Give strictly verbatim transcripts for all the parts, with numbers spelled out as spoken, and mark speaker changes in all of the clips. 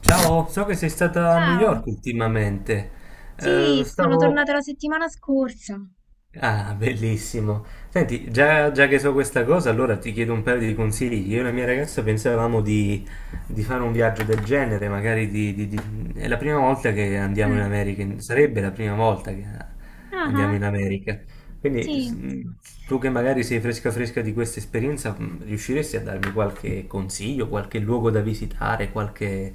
Speaker 1: Ciao, so che sei stata a New
Speaker 2: Ciao,
Speaker 1: York ultimamente. Eh,
Speaker 2: sì, sono
Speaker 1: stavo,
Speaker 2: tornata la settimana scorsa.
Speaker 1: Ah, bellissimo. Senti, già, già che so questa cosa, allora ti chiedo un paio di consigli. Io e la mia ragazza pensavamo di, di fare un viaggio del genere, magari di, di- di- è la prima volta che andiamo in
Speaker 2: Mm.
Speaker 1: America, sarebbe la prima volta che
Speaker 2: Ah,
Speaker 1: andiamo
Speaker 2: ah,
Speaker 1: in America. Quindi
Speaker 2: sì,
Speaker 1: s- mh, tu che magari sei fresca fresca di questa esperienza, mh, riusciresti a darmi qualche consiglio, qualche luogo da visitare, qualche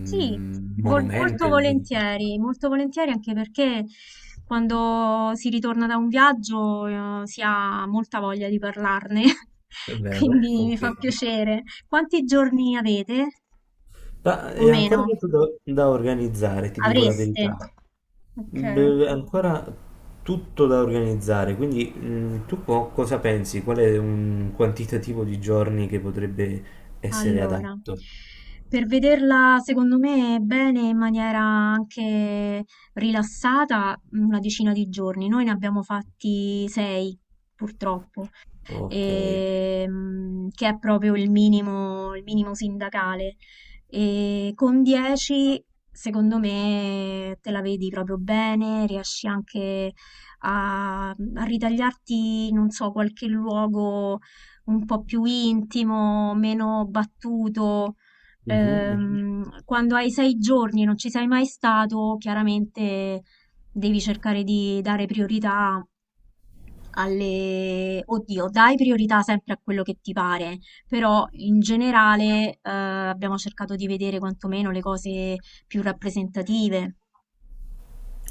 Speaker 2: sì, vol- molto
Speaker 1: monumento?
Speaker 2: volentieri, molto volentieri anche perché quando si ritorna da un viaggio, eh, si ha molta voglia di parlarne,
Speaker 1: È vero?
Speaker 2: quindi mi
Speaker 1: Ok.
Speaker 2: fa piacere. Quanti giorni avete?
Speaker 1: Ma
Speaker 2: Più o
Speaker 1: è ancora
Speaker 2: meno?
Speaker 1: tutto da, da organizzare, ti dico la
Speaker 2: Avreste?
Speaker 1: verità.
Speaker 2: Ok.
Speaker 1: B- È ancora tutto da organizzare, quindi mh, tu co- cosa pensi? Qual è un quantitativo di giorni che potrebbe essere
Speaker 2: Allora,
Speaker 1: adatto?
Speaker 2: per vederla secondo me bene in maniera anche rilassata, una decina di giorni. Noi ne abbiamo fatti sei, purtroppo
Speaker 1: Ok.
Speaker 2: ehm, che è proprio il minimo, il minimo sindacale. E con dieci, secondo me, te la vedi proprio bene, riesci anche a, a ritagliarti, non so, qualche luogo un po' più intimo, meno battuto.
Speaker 1: Mhm, mhm.
Speaker 2: Ehm, quando hai sei giorni e non ci sei mai stato, chiaramente devi cercare di dare priorità alle... Oddio, dai priorità sempre a quello che ti pare, però in generale eh, abbiamo cercato di vedere quantomeno le cose più rappresentative.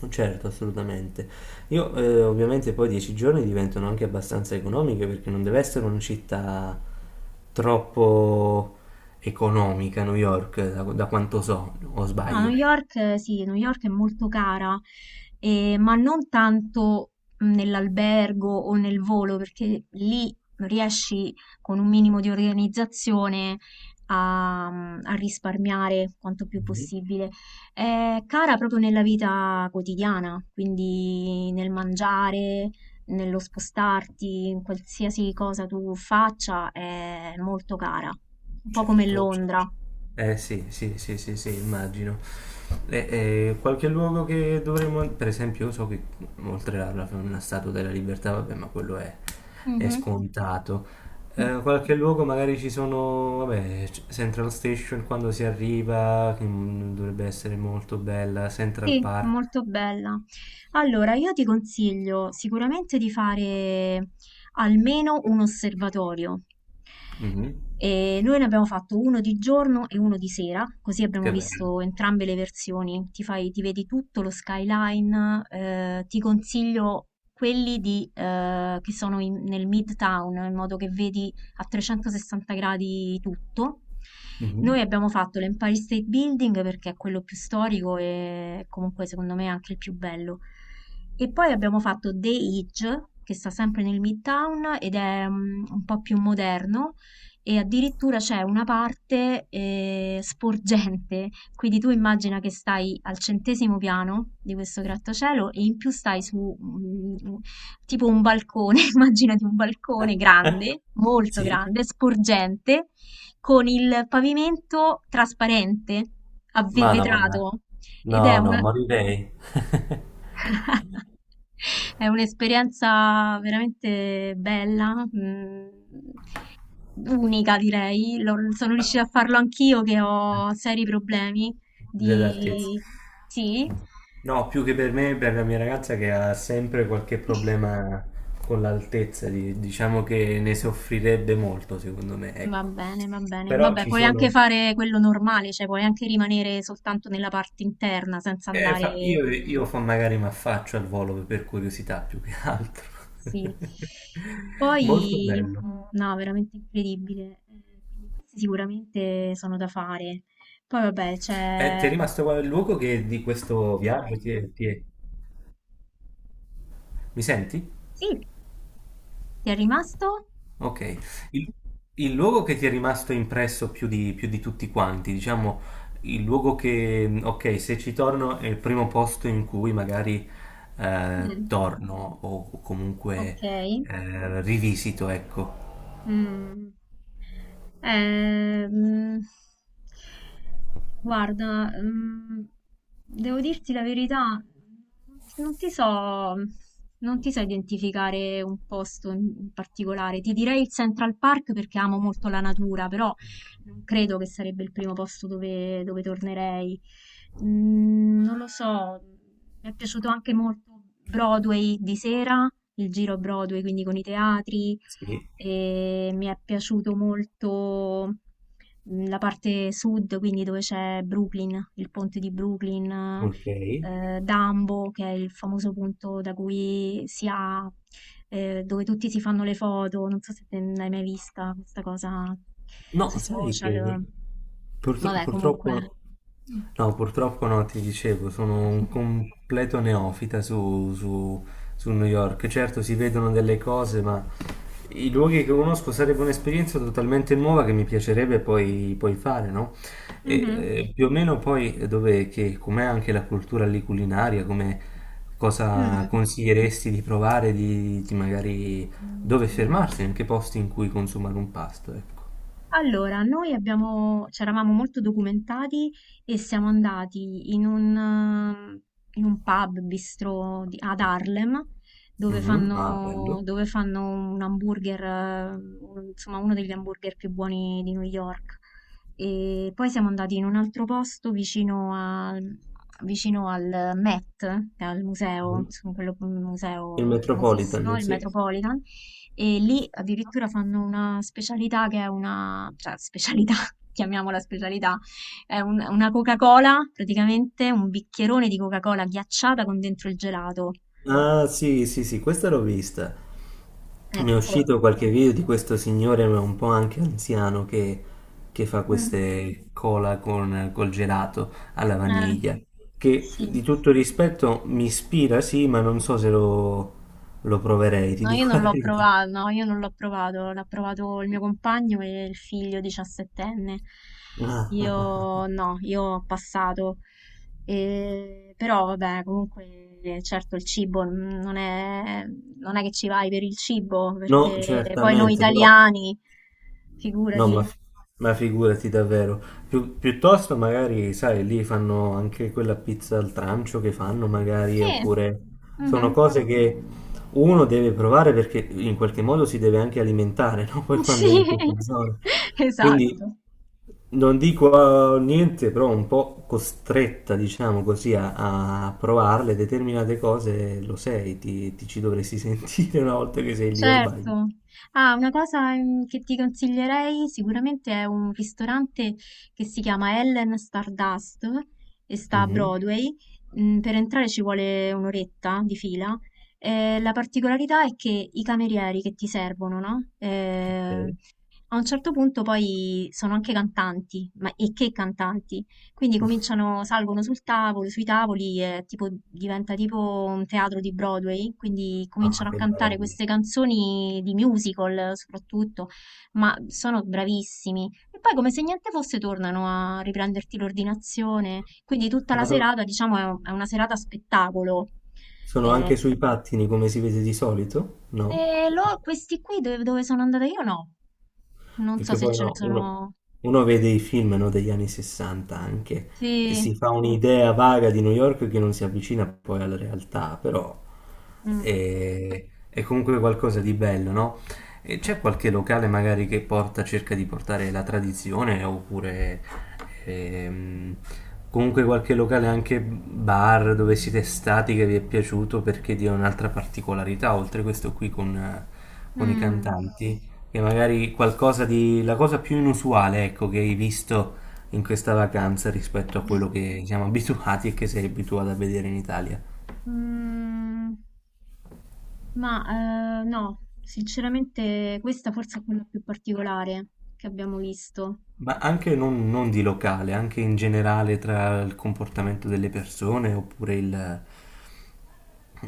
Speaker 1: Certo, assolutamente. Io eh, ovviamente poi dieci giorni diventano anche abbastanza economiche, perché non deve essere una città troppo economica, New York, da da quanto so, o
Speaker 2: No, New
Speaker 1: sbaglio.
Speaker 2: York, eh, sì, New York è molto cara, eh, ma non tanto mh, nell'albergo o nel volo, perché lì riesci con un minimo di organizzazione a, a risparmiare quanto più possibile. È cara proprio nella vita quotidiana, quindi nel mangiare, nello spostarti, in qualsiasi cosa tu faccia, è molto cara, un po' come
Speaker 1: Certo, c-
Speaker 2: Londra.
Speaker 1: eh sì, sì, sì, sì, sì, immagino. E- e qualche luogo che dovremmo, per esempio, io so che oltre alla una Statua della Libertà, vabbè, ma quello è, è
Speaker 2: Mhm.
Speaker 1: scontato. Eh, qualche luogo magari ci sono, vabbè, c- Central Station quando si arriva, che mm, dovrebbe essere molto bella, Central
Speaker 2: Sì,
Speaker 1: Park.
Speaker 2: molto bella. Allora, io ti consiglio sicuramente di fare almeno un osservatorio.
Speaker 1: Mhm.
Speaker 2: E noi ne abbiamo fatto uno di giorno e uno di sera, così abbiamo
Speaker 1: Che bello.
Speaker 2: visto entrambe le versioni. Ti fai, ti vedi tutto lo skyline, eh, ti consiglio quelli di, eh, che sono in- nel Midtown, in modo che vedi a trecentosessanta gradi tutto.
Speaker 1: Mhm.
Speaker 2: Noi abbiamo fatto l'Empire State Building perché è quello più storico e comunque secondo me anche il più bello. E poi abbiamo fatto The Edge, che sta sempre nel Midtown ed è mm, un po' più moderno e addirittura c'è una parte, ehm, sporgente, quindi tu immagina che stai al centesimo piano di questo grattacielo e in più stai su, mhmm, u tipo un balcone, immaginati un
Speaker 1: Eh,
Speaker 2: balcone
Speaker 1: eh,
Speaker 2: grande, molto
Speaker 1: sì.
Speaker 2: grande, sporgente, con il pavimento trasparente, a ve
Speaker 1: Madonna.
Speaker 2: vetrato ed è
Speaker 1: No, no,
Speaker 2: una
Speaker 1: morirei
Speaker 2: È un'esperienza veramente bella, mm, unica direi. Lo- sono riuscita a farlo anch'io che ho seri problemi
Speaker 1: dell'altezza.
Speaker 2: di... Sì,
Speaker 1: No, più che per me, per la mia ragazza che ha sempre qualche problema con l'altezza, di- diciamo che ne soffrirebbe molto, secondo me,
Speaker 2: va
Speaker 1: ecco.
Speaker 2: bene, va bene.
Speaker 1: Però
Speaker 2: Vabbè,
Speaker 1: ci
Speaker 2: puoi anche
Speaker 1: sono...
Speaker 2: fare quello normale, cioè puoi anche rimanere soltanto nella parte interna senza
Speaker 1: eh, fa-
Speaker 2: andare...
Speaker 1: Io, io fa- magari mi affaccio al volo per curiosità più che altro.
Speaker 2: Sì.
Speaker 1: Molto
Speaker 2: Poi,
Speaker 1: bello.
Speaker 2: mm, no, veramente incredibile. Eh, Quindi questi sicuramente sono da fare. Poi vabbè,
Speaker 1: Eh, ti
Speaker 2: c'è.
Speaker 1: è rimasto qual- il luogo che di questo viaggio ti è... ti è- mi senti?
Speaker 2: Sì, ti è rimasto?
Speaker 1: Ok, il, il luogo che ti è rimasto impresso più di, più di tutti quanti, diciamo, il luogo che, ok, se ci torno è il primo posto in cui magari eh,
Speaker 2: Mh,
Speaker 1: torno o, o comunque
Speaker 2: okay.
Speaker 1: eh, rivisito, ecco.
Speaker 2: Mh. Ehm, guarda, mhmm, devo dirti la verità, non ti so non ti so identificare un posto in in particolare. Ti direi il Central Park perché amo molto la natura, però non credo che sarebbe il primo posto dove dove tornerei. Mhmm, non lo so, mi è piaciuto anche molto Broadway di sera, il giro Broadway, quindi con i teatri
Speaker 1: Sì,
Speaker 2: e mi è piaciuto molto mm, la parte sud, quindi dove c'è Brooklyn, il ponte di Brooklyn,
Speaker 1: ok.
Speaker 2: eh, Dumbo, che è il famoso punto da cui si ha, eh, dove tutti si fanno le foto. Non so se te l'hai mai vista questa cosa
Speaker 1: No,
Speaker 2: sui
Speaker 1: sai che
Speaker 2: social.
Speaker 1: purtro-
Speaker 2: Vabbè, comunque.
Speaker 1: purtroppo,
Speaker 2: Mm.
Speaker 1: no, purtroppo no, ti dicevo, sono un completo neofita su, su- su New York. Certo, si vedono delle cose, ma i luoghi che conosco sarebbe un'esperienza totalmente nuova che mi piacerebbe poi, poi fare, no? E,
Speaker 2: Mhm.
Speaker 1: eh, più o meno poi dove, che, com'è anche la cultura lì culinaria, come cosa
Speaker 2: Mm.
Speaker 1: consiglieresti di provare, di, di magari dove fermarsi, in che posti in cui consumare un pasto, ecco.
Speaker 2: Allora, noi abbiamo c'eravamo molto documentati e siamo andati in un, ehm, in un pub bistro di- ad Harlem dove
Speaker 1: Mhm. Ah,
Speaker 2: fanno,
Speaker 1: bello.
Speaker 2: dove fanno un hamburger, eh, un- insomma uno degli hamburger più buoni di New York. E poi siamo andati in un altro posto vicino al, vicino al Met, che è al museo,
Speaker 1: Mhm.
Speaker 2: insomma, quello, un
Speaker 1: Il
Speaker 2: museo famosissimo,
Speaker 1: Metropolitan,
Speaker 2: il
Speaker 1: sì.
Speaker 2: Metropolitan. E lì addirittura fanno una specialità che è una, cioè specialità, chiamiamola specialità, è un- una Coca-Cola, praticamente un bicchierone di Coca-Cola ghiacciata con dentro il gelato.
Speaker 1: Ah, sì, sì, sì, questa l'ho vista. Ne è
Speaker 2: Ecco.
Speaker 1: uscito qualche video di questo signore, ma un po' anche anziano, che, che fa
Speaker 2: Mm.
Speaker 1: queste cola con, col gelato alla
Speaker 2: Eh,
Speaker 1: vaniglia. Che
Speaker 2: sì.
Speaker 1: di tutto rispetto mi ispira, sì, ma non so se lo, lo proverei, ti
Speaker 2: No, io
Speaker 1: dico la
Speaker 2: non l'ho
Speaker 1: verità.
Speaker 2: provato, no, io non l'ho provato, l'ha provato il mio compagno e il figlio diciassettenne. Io no, io ho passato. E- però vabbè, comunque certo il cibo mm, non è, non è che ci vai per il cibo,
Speaker 1: No,
Speaker 2: perché poi noi
Speaker 1: certamente, però.
Speaker 2: italiani,
Speaker 1: No, ma,
Speaker 2: figurati.
Speaker 1: ma figurati davvero. Più- piuttosto magari, sai, lì fanno anche quella pizza al trancio che fanno magari,
Speaker 2: Sì,
Speaker 1: oppure sono
Speaker 2: mhm.
Speaker 1: cose che uno deve provare perché in qualche modo si deve anche alimentare, no? Poi quando
Speaker 2: Sì,
Speaker 1: è in questa zona. Quindi
Speaker 2: esatto.
Speaker 1: non dico eh, niente, però un po' costretta, diciamo così, a, a provarle determinate cose, lo sei, ti, ti ci dovresti sentire una volta che sei lì o sbaglio.
Speaker 2: Certo. Ah, una cosa, mhmm, che ti consiglierei sicuramente è un ristorante che si chiama Ellen Stardust e sta a
Speaker 1: Mhm.
Speaker 2: Broadway. Mhmm, per entrare ci vuole un oretta di fila. Ehm, la particolarità è che i camerieri che ti servono, no, ehm
Speaker 1: Ok.
Speaker 2: a un certo punto poi sono anche cantanti, ma e che cantanti? Quindi cominciano, salgono sul tavolo, sui tavoli e tipo diventa tipo un teatro di Broadway, quindi
Speaker 1: Ah,
Speaker 2: cominciano a
Speaker 1: che
Speaker 2: cantare
Speaker 1: bello.
Speaker 2: queste canzoni di musical soprattutto, ma sono bravissimi. E poi come se niente fosse tornano a riprenderti l'ordinazione, quindi tutta la
Speaker 1: Ma so-
Speaker 2: serata, diciamo, è un- è una serata spettacolo.
Speaker 1: Sono
Speaker 2: Eh,
Speaker 1: anche sui pattini come si vede di solito? No?
Speaker 2: e lo- questi qui dove, dove sono andata io no, non so
Speaker 1: Perché
Speaker 2: se
Speaker 1: poi
Speaker 2: ce ne
Speaker 1: no, uno,
Speaker 2: sono...
Speaker 1: uno vede i film, no, degli anni sessanta anche e
Speaker 2: Sì,
Speaker 1: si fa un'idea vaga di New York che non si avvicina poi alla realtà, però
Speaker 2: mh,
Speaker 1: è, è comunque qualcosa di bello, no? E c'è qualche locale magari che porta, cerca di portare la tradizione oppure ehm, comunque qualche locale anche bar dove siete stati che vi è piaciuto perché dia un'altra particolarità, oltre questo qui con con i
Speaker 2: mh.
Speaker 1: cantanti. Che magari qualcosa di... la cosa più inusuale, ecco, che hai visto in questa vacanza rispetto a quello che siamo abituati e che sei abituato a vedere in Italia.
Speaker 2: Mm, ma eh, no, sinceramente questa forse è quella più particolare che abbiamo visto.
Speaker 1: Ma anche non, non di locale, anche in generale tra il comportamento delle persone oppure il,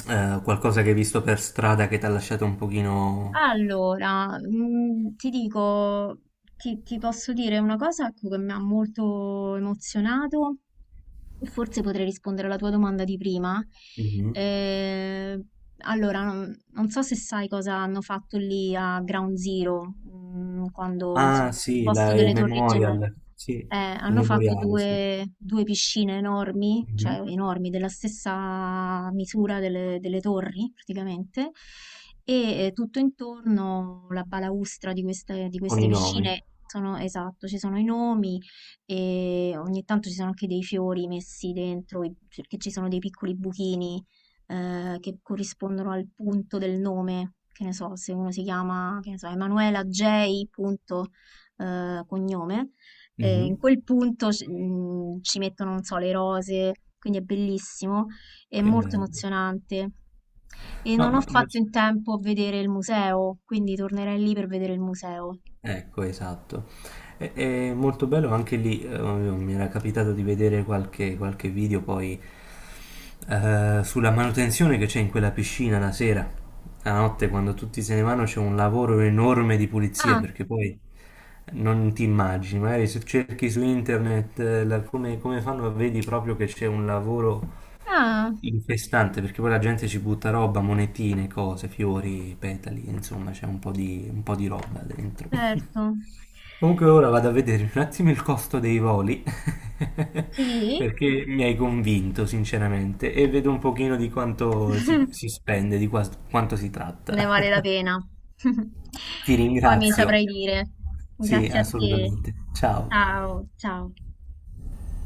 Speaker 1: eh, qualcosa che hai visto per strada che ti ha lasciato un pochino...
Speaker 2: Allora, mm, ti dico, ti, ti posso dire una cosa ecco, che mi ha molto emozionato. Forse potrei rispondere alla tua domanda di prima.
Speaker 1: Mhm.
Speaker 2: Ehm, allora, non non so se sai cosa hanno fatto lì a Ground Zero, mm, quando, insomma,
Speaker 1: Ah,
Speaker 2: al
Speaker 1: sì,
Speaker 2: posto
Speaker 1: la- il
Speaker 2: delle torri gemelle.
Speaker 1: memorial, sì,
Speaker 2: Eh,
Speaker 1: il
Speaker 2: hanno fatto
Speaker 1: memoriale, sì.
Speaker 2: due, due piscine enormi,
Speaker 1: Mhm.
Speaker 2: cioè enormi, della stessa misura delle, delle torri, praticamente, e eh, tutto intorno la balaustra di queste, di
Speaker 1: Con
Speaker 2: queste
Speaker 1: i nomi.
Speaker 2: piscine sono, esatto, ci sono i nomi e ogni tanto ci sono anche dei fiori messi dentro, i- perché ci sono dei piccoli buchini eh, che corrispondono al punto del nome, che ne so, se uno si chiama, che ne so, Emanuela J. punto, eh, cognome, eh,
Speaker 1: Mhm.
Speaker 2: in quel punto ci mm, ci mettono, non so, le rose, quindi è bellissimo, è
Speaker 1: Che
Speaker 2: molto
Speaker 1: bello.
Speaker 2: emozionante. E
Speaker 1: No,
Speaker 2: non ho
Speaker 1: ma, ma
Speaker 2: fatto in tempo a vedere il museo, quindi tornerei lì per vedere il museo.
Speaker 1: Ecco, esatto. È, è molto bello anche lì, eh, mi era capitato di vedere qualche, qualche video poi eh, sulla manutenzione che c'è in quella piscina la sera, la notte quando tutti se ne vanno c'è un lavoro enorme di pulizia,
Speaker 2: Ah,
Speaker 1: perché poi non ti immagini, magari se cerchi su internet eh, la- come, come fanno vedi proprio che c'è un lavoro
Speaker 2: ah,
Speaker 1: infestante perché poi la gente ci butta roba, monetine, cose, fiori, petali, insomma c'è un po' di, un po' di roba dentro.
Speaker 2: certo.
Speaker 1: Comunque ora vado a vedere un attimo il costo dei voli,
Speaker 2: Sì,
Speaker 1: perché mi hai convinto sinceramente, e vedo un pochino di quanto si, si spende, di qua- quanto si
Speaker 2: ne
Speaker 1: tratta.
Speaker 2: vale la pena.
Speaker 1: Ti
Speaker 2: Poi mi
Speaker 1: ringrazio.
Speaker 2: saprai dire.
Speaker 1: Sì,
Speaker 2: Grazie a te.
Speaker 1: assolutamente. Ciao.
Speaker 2: Ciao, ciao.